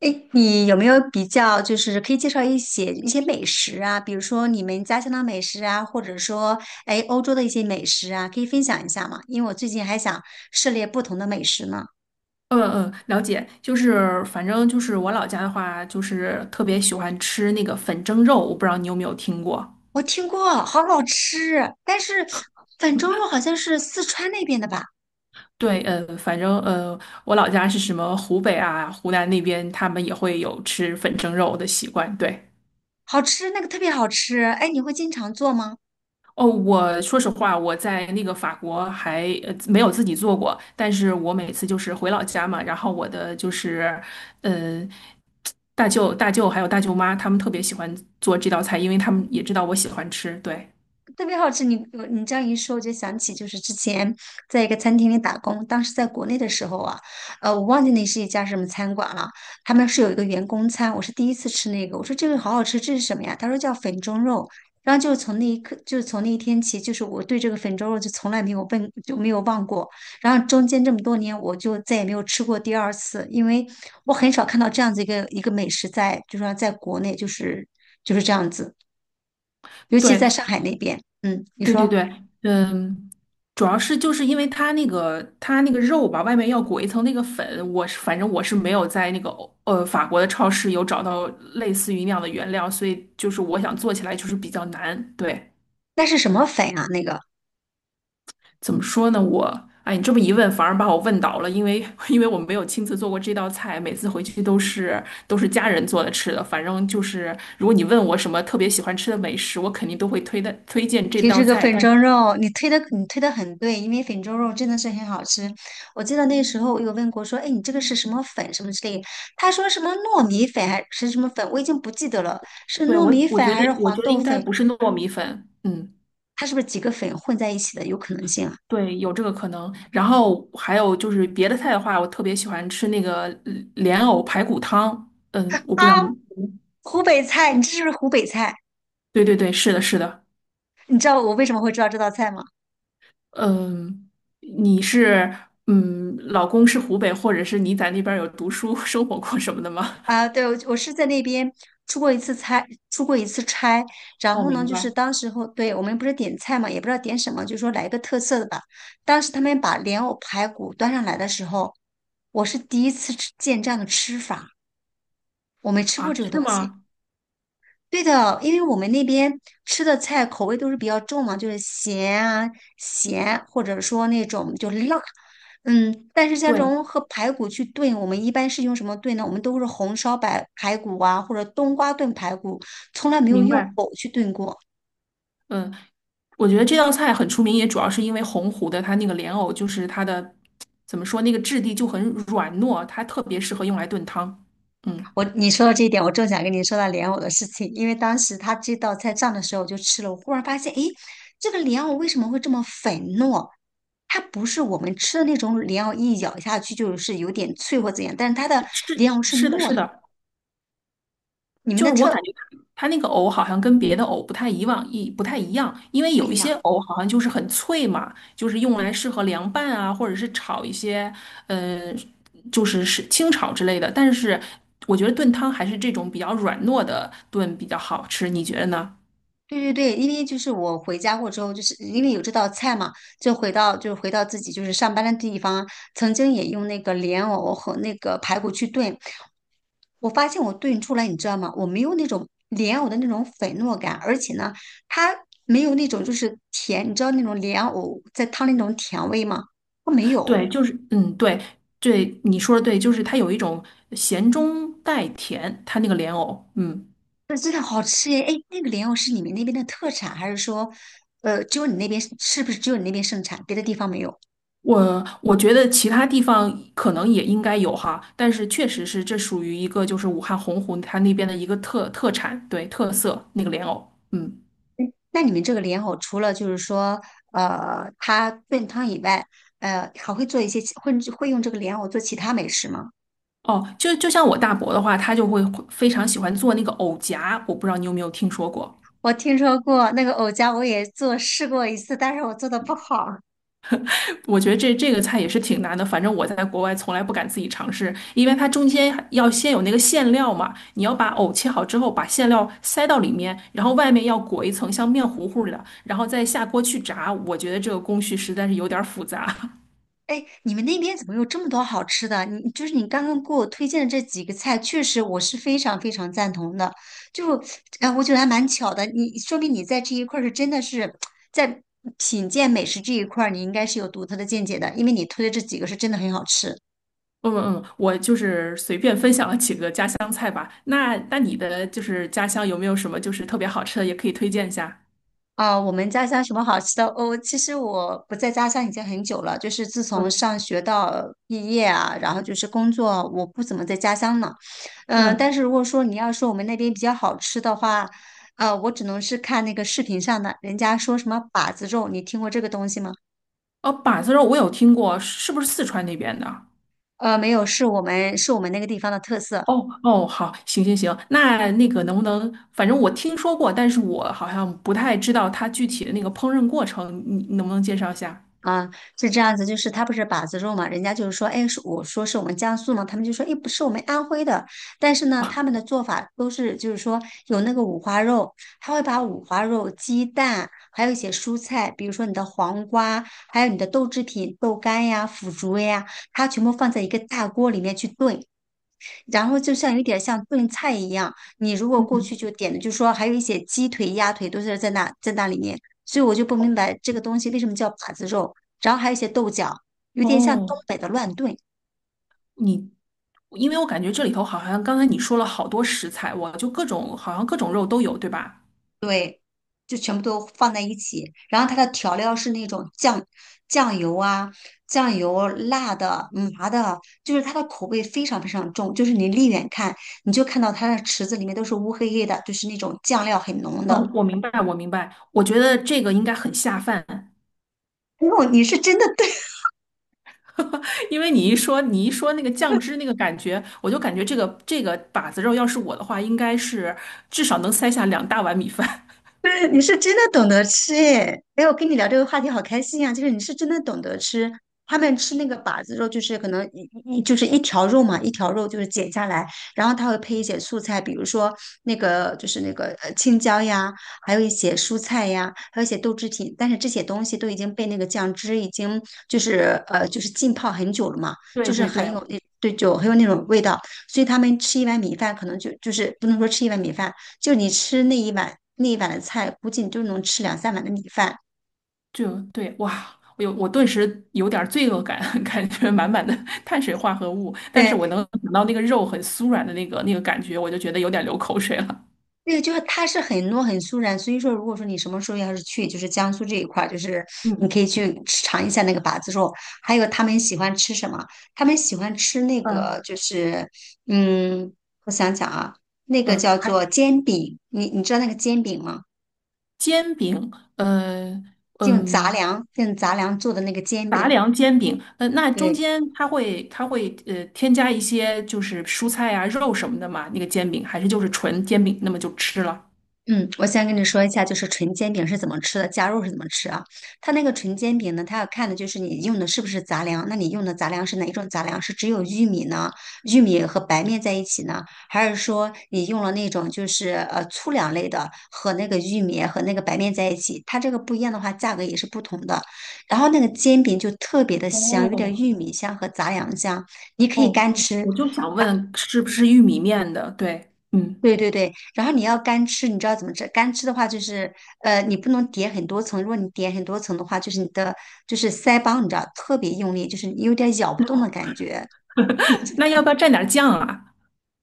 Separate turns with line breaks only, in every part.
哎，你有没有比较，就是可以介绍一些美食啊，比如说你们家乡的美食啊，或者说，哎，欧洲的一些美食啊，可以分享一下吗？因为我最近还想涉猎不同的美食呢。
嗯嗯，了解。就是反正就是我老家的话，就是特别喜欢吃那个粉蒸肉，我不知道你有没有听过。
我听过，好好吃，但是粉蒸肉好像是四川那边的吧，
对，我老家是什么湖北啊、湖南那边，他们也会有吃粉蒸肉的习惯。对。
好吃，那个特别好吃。哎，你会经常做吗？
哦，我说实话，我在那个法国还没有自己做过，但是我每次就是回老家嘛，然后我的就是嗯，大舅还有大舅妈，他们特别喜欢做这道菜，因为他们也知道我喜欢吃。对。
特别好吃，你这样一说，我就想起就是之前在一个餐厅里打工，当时在国内的时候啊，我忘记那是一家什么餐馆了，他们是有一个员工餐，我是第一次吃那个，我说这个好好吃，这是什么呀？他说叫粉蒸肉，然后就是从那一刻，就是从那一天起，就是我对这个粉蒸肉就从来没有问，就没有忘过，然后中间这么多年，我就再也没有吃过第二次，因为我很少看到这样子一个一个美食在，就是说在国内就是这样子，尤其
对，
在上海那边，嗯，你
对对
说。
对，嗯，主要是就是因为它那个肉吧，外面要裹一层那个粉，我是没有在那个法国的超市有找到类似于那样的原料，所以就是我想做起来就是比较难。对，
那是什么粉啊？那个
怎么说呢？哎，你这么一问，反而把我问倒了，因为 因为我没有亲自做过这道菜，每次回去都是家人做的吃的。反正就是如果你问我什么特别喜欢吃的美食，我肯定都会推荐这
其实
道
这个
菜。
粉
但。
蒸肉，你推的很对，因为粉蒸肉真的是很好吃。我记得那时候我有问过说，哎，你这个是什么粉什么之类的他说什么糯米粉还是什么粉，我已经不记得了，是
对，
糯
我
米
我
粉
觉
还
得
是
我觉
黄
得
豆
应该
粉？
不是糯米粉。嗯，
它是不是几个粉混在一起的？有可能性啊！
对，有这个可能。然后还有就是别的菜的话，我特别喜欢吃那个莲藕排骨汤。嗯，我
啊，
不知道你
湖北菜，你这是不是湖北菜？
对对对，是的，是的。
你知道我为什么会知道这道菜吗？
嗯，你是嗯，老公是湖北，或者是你在那边儿有读书 生活过什么的吗？
啊，对，我是在那边出过一次差。然
哦，
后呢，
明
就是
白。
当时候，对，我们不是点菜嘛，也不知道点什么，就说来一个特色的吧。当时他们把莲藕排骨端上来的时候，我是第一次吃见这样的吃法，我没吃
啊，
过这个
是
东西。
吗？
对的，因为我们那边吃的菜口味都是比较重嘛，就是咸，或者说那种就辣，嗯。但是像这
对，
种和排骨去炖，我们一般是用什么炖呢？我们都是红烧白排骨啊，或者冬瓜炖排骨，从来没有
明
用
白。
藕去炖过。
嗯，我觉得这道菜很出名，也主要是因为洪湖的它那个莲藕，就是它的怎么说，那个质地就很软糯，它特别适合用来炖汤。嗯，
你说到这一点，我正想跟你说到莲藕的事情，因为当时他这道菜上的时候我就吃了，我忽然发现，诶，这个莲藕为什么会这么粉糯？它不是我们吃的那种莲藕，一咬下去就是有点脆或怎样，但是它的
是
莲藕是
是的，
糯
是
的，
的。
你们
就
的
是我感觉它那个藕好像跟别的藕不太以往一不太一样，因为
不
有一
一
些
样。
藕好像就是很脆嘛，就是用来适合凉拌啊，或者是炒一些嗯，就是清炒之类的。但是我觉得炖汤还是这种比较软糯的炖比较好吃，你觉得呢？
对对对，因为就是我回家过之后，就是因为有这道菜嘛，就回到自己就是上班的地方，曾经也用那个莲藕和那个排骨去炖，我发现我炖出来，你知道吗？我没有那种莲藕的那种粉糯感，而且呢，它没有那种就是甜，你知道那种莲藕在汤里那种甜味吗？它没有，
对，就是嗯，对对，你说的对，就是它有一种咸中带甜，它那个莲藕。嗯，
那真的好吃耶！哎，那个莲藕是你们那边的特产，还是说，只有你那边是不是只有你那边盛产，别的地方没有？
我觉得其他地方可能也应该有哈，但是确实是这属于一个就是武汉洪湖它那边的一个特产，对，特色那个莲藕。嗯，
那你们这个莲藕除了就是说，它炖汤以外，还会做一些其会会用这个莲藕做其他美食吗？
哦，就就像我大伯的话，他就会非常喜欢做那个藕夹，我不知道你有没有听说过。
我听说过那个藕夹，我也做试过一次，但是我做的不好。
我觉得这个菜也是挺难的，反正我在国外从来不敢自己尝试，因为它中间还要先有那个馅料嘛，你要把藕切好之后，把馅料塞到里面，然后外面要裹一层像面糊糊的，然后再下锅去炸。我觉得这个工序实在是有点儿复杂。
哎，你们那边怎么有这么多好吃的？你就是你刚刚给我推荐的这几个菜，确实我是非常非常赞同的。就，哎，我觉得还蛮巧的。你说明你在这一块儿是真的是在品鉴美食这一块儿，你应该是有独特的见解的，因为你推的这几个是真的很好吃。
嗯嗯，我就是随便分享了几个家乡菜吧。那你的就是家乡有没有什么就是特别好吃的，也可以推荐一下？
啊，我们家乡什么好吃的哦？其实我不在家乡已经很久了，就是自从
嗯
上学到毕业啊，然后就是工作，我不怎么在家乡呢。嗯，
嗯，
但是如果说你要说我们那边比较好吃的话，我只能是看那个视频上的，人家说什么把子肉，你听过这个东西吗？
哦，板子肉我有听过，是不是四川那边的？
没有，是我们那个地方的特色。
哦哦，好，行行行，那那个能不能，反正我听说过，但是我好像不太知道它具体的那个烹饪过程，你能不能介绍一下？
啊，是这样子，就是他不是把子肉嘛，人家就是说，哎，是我说是我们江苏嘛，他们就说，哎，不是我们安徽的，但是呢，他们的做法都是就是说有那个五花肉，他会把五花肉、鸡蛋，还有一些蔬菜，比如说你的黄瓜，还有你的豆制品、豆干呀、腐竹呀，它全部放在一个大锅里面去炖，然后就像有点像炖菜一样，你如果过
嗯，
去就点的，就说还有一些鸡腿、鸭腿都是在那里面，所以我就不明白这个东西为什么叫把子肉，然后还有一些豆角，有点像东
哦，
北的乱炖，
你，因为我感觉这里头好像刚才你说了好多食材，我就各种好像各种肉都有，对吧？
就全部都放在一起，然后它的调料是那种酱油啊、酱油、辣的、麻的，就是它的口味非常非常重，就是你离远看你就看到它的池子里面都是乌黑黑的，就是那种酱料很浓的。
哦，我明白，我明白，我觉得这个应该很下饭。
哦，你是真的对。
因为你一说那个酱汁那个感觉，我就感觉这个把子肉要是我的话，应该是至少能塞下两大碗米饭。
对，你是真的懂得吃耶！哎，我跟你聊这个话题好开心呀、就是你是真的懂得吃，他们吃那个把子肉，就是可能一就是一条肉嘛，一条肉就是剪下来，然后他会配一些素菜，比如说那个青椒呀，还有一些蔬菜呀，还有一些豆制品，但是这些东西都已经被那个酱汁已经就是浸泡很久了嘛，就
对
是
对
很
对，
有那对就很有那种味道，所以他们吃一碗米饭可能就是不能说吃一碗米饭。就是你吃那一碗那一碗的菜，估计你就能吃两三碗的米饭。
就对，哇，我顿时有点儿罪恶感，感觉满满的碳水化合物，但是
对，
我能想到那个肉很酥软的那个感觉，我就觉得有点流口水了。
那个就是它是很糯很酥软，所以说如果说你什么时候要是去就是江苏这一块儿，就是你
嗯
可以去尝一下那个把子肉，还有他们喜欢吃什么？他们喜欢吃那
嗯
个就是嗯，我想想啊，那个
嗯，
叫
还
做煎饼，你知道那个煎饼吗？
煎饼，呃
用杂
嗯，
粮用杂粮做的那个煎
杂
饼，
粮煎饼，呃，那中
对。
间它会添加一些就是蔬菜啊、肉什么的嘛，那个煎饼还是就是纯煎饼，那么就吃了。
嗯，我先跟你说一下，就是纯煎饼是怎么吃的，加肉是怎么吃啊？它那个纯煎饼呢，它要看的就是你用的是不是杂粮。那你用的杂粮是哪一种杂粮？是只有玉米呢？玉米和白面在一起呢？还是说你用了那种就是粗粮类的和那个玉米和那个白面在一起？它这个不一样的话，价格也是不同的。然后那个煎饼就特别的香，有点
哦
玉米香和杂粮香，你可以
哦，
干吃，
我就想问是不是玉米面的？对，嗯。
对对对，然后你要干吃，你知道怎么吃？干吃的话就是，你不能叠很多层。如果你叠很多层的话，你的腮帮，你知道特别用力，就是你有点咬不动的感觉。
那要不要蘸点酱啊？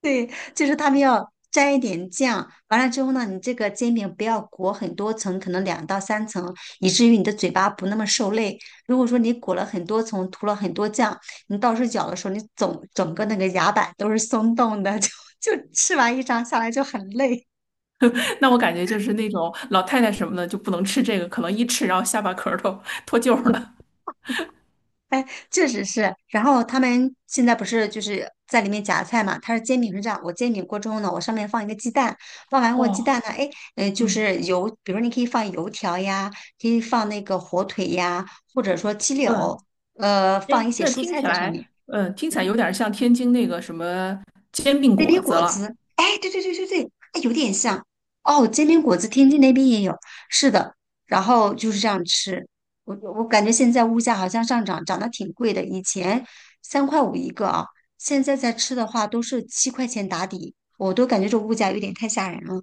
对，就是他们要沾一点酱，完了之后呢，你这个煎饼不要裹很多层，可能2到3层，以至于你的嘴巴不那么受累。如果说你裹了很多层，涂了很多酱，你到时候咬的时候，你总整个那个牙板都是松动的，就吃完一张下来就很累。
那我感觉就是那种老太太什么的就不能吃这个，可能一吃然后下巴壳儿都脱臼儿了。
哎，确实是。然后他们现在不是就是在里面夹菜嘛？它是煎饼是这样，我煎饼锅之后呢，我上面放一个鸡蛋，放完我鸡蛋
哇，
呢，哎，就
嗯
是油，比如你可以放油条呀，可以放那个火腿呀，或者说鸡柳，
嗯，哎，
放一些
这
蔬
听
菜
起
在上面。
来，嗯，听起来
嗯，
有点像天津那个什么煎饼
煎
果
饼
子
果
了。
子，哎，对对对对对，哎，有点像哦。煎饼果子，天津那边也有，是的。然后就是这样吃，我感觉现在物价好像上涨，涨得挺贵的。以前3块5一个啊，现在在吃的话都是7块钱打底，我都感觉这物价有点太吓人了。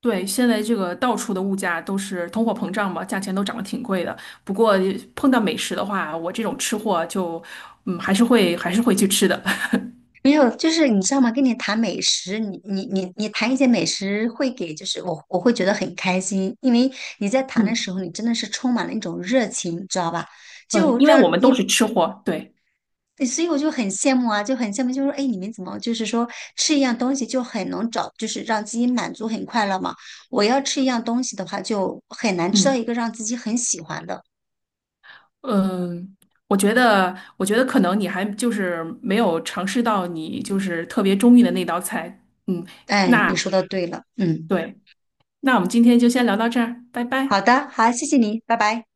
对，现在这个到处的物价都是通货膨胀嘛，价钱都涨得挺贵的。不过碰到美食的话，我这种吃货就，嗯，还是会去吃的。
没有，就是你知道吗？跟你谈美食，你谈一些美食，会给就是我会觉得很开心，因为你在谈的
嗯
时候，你真的是充满了一种热情，你知道吧？
嗯，
就
因为我
让
们都
你
是吃货，对，
对，所以我就很羡慕啊，就很羡慕，就是说，哎，你们怎么就是说吃一样东西就很能找，就是让自己满足很快乐嘛？我要吃一样东西的话，就很难吃到
嗯。
一个让自己很喜欢的。
嗯，我觉得可能你还就是没有尝试到你就是特别中意的那道菜。嗯，
哎，
那
你说的对了，嗯，
对，那我们今天就先聊到这儿，拜拜。
好的，好，谢谢你，拜拜。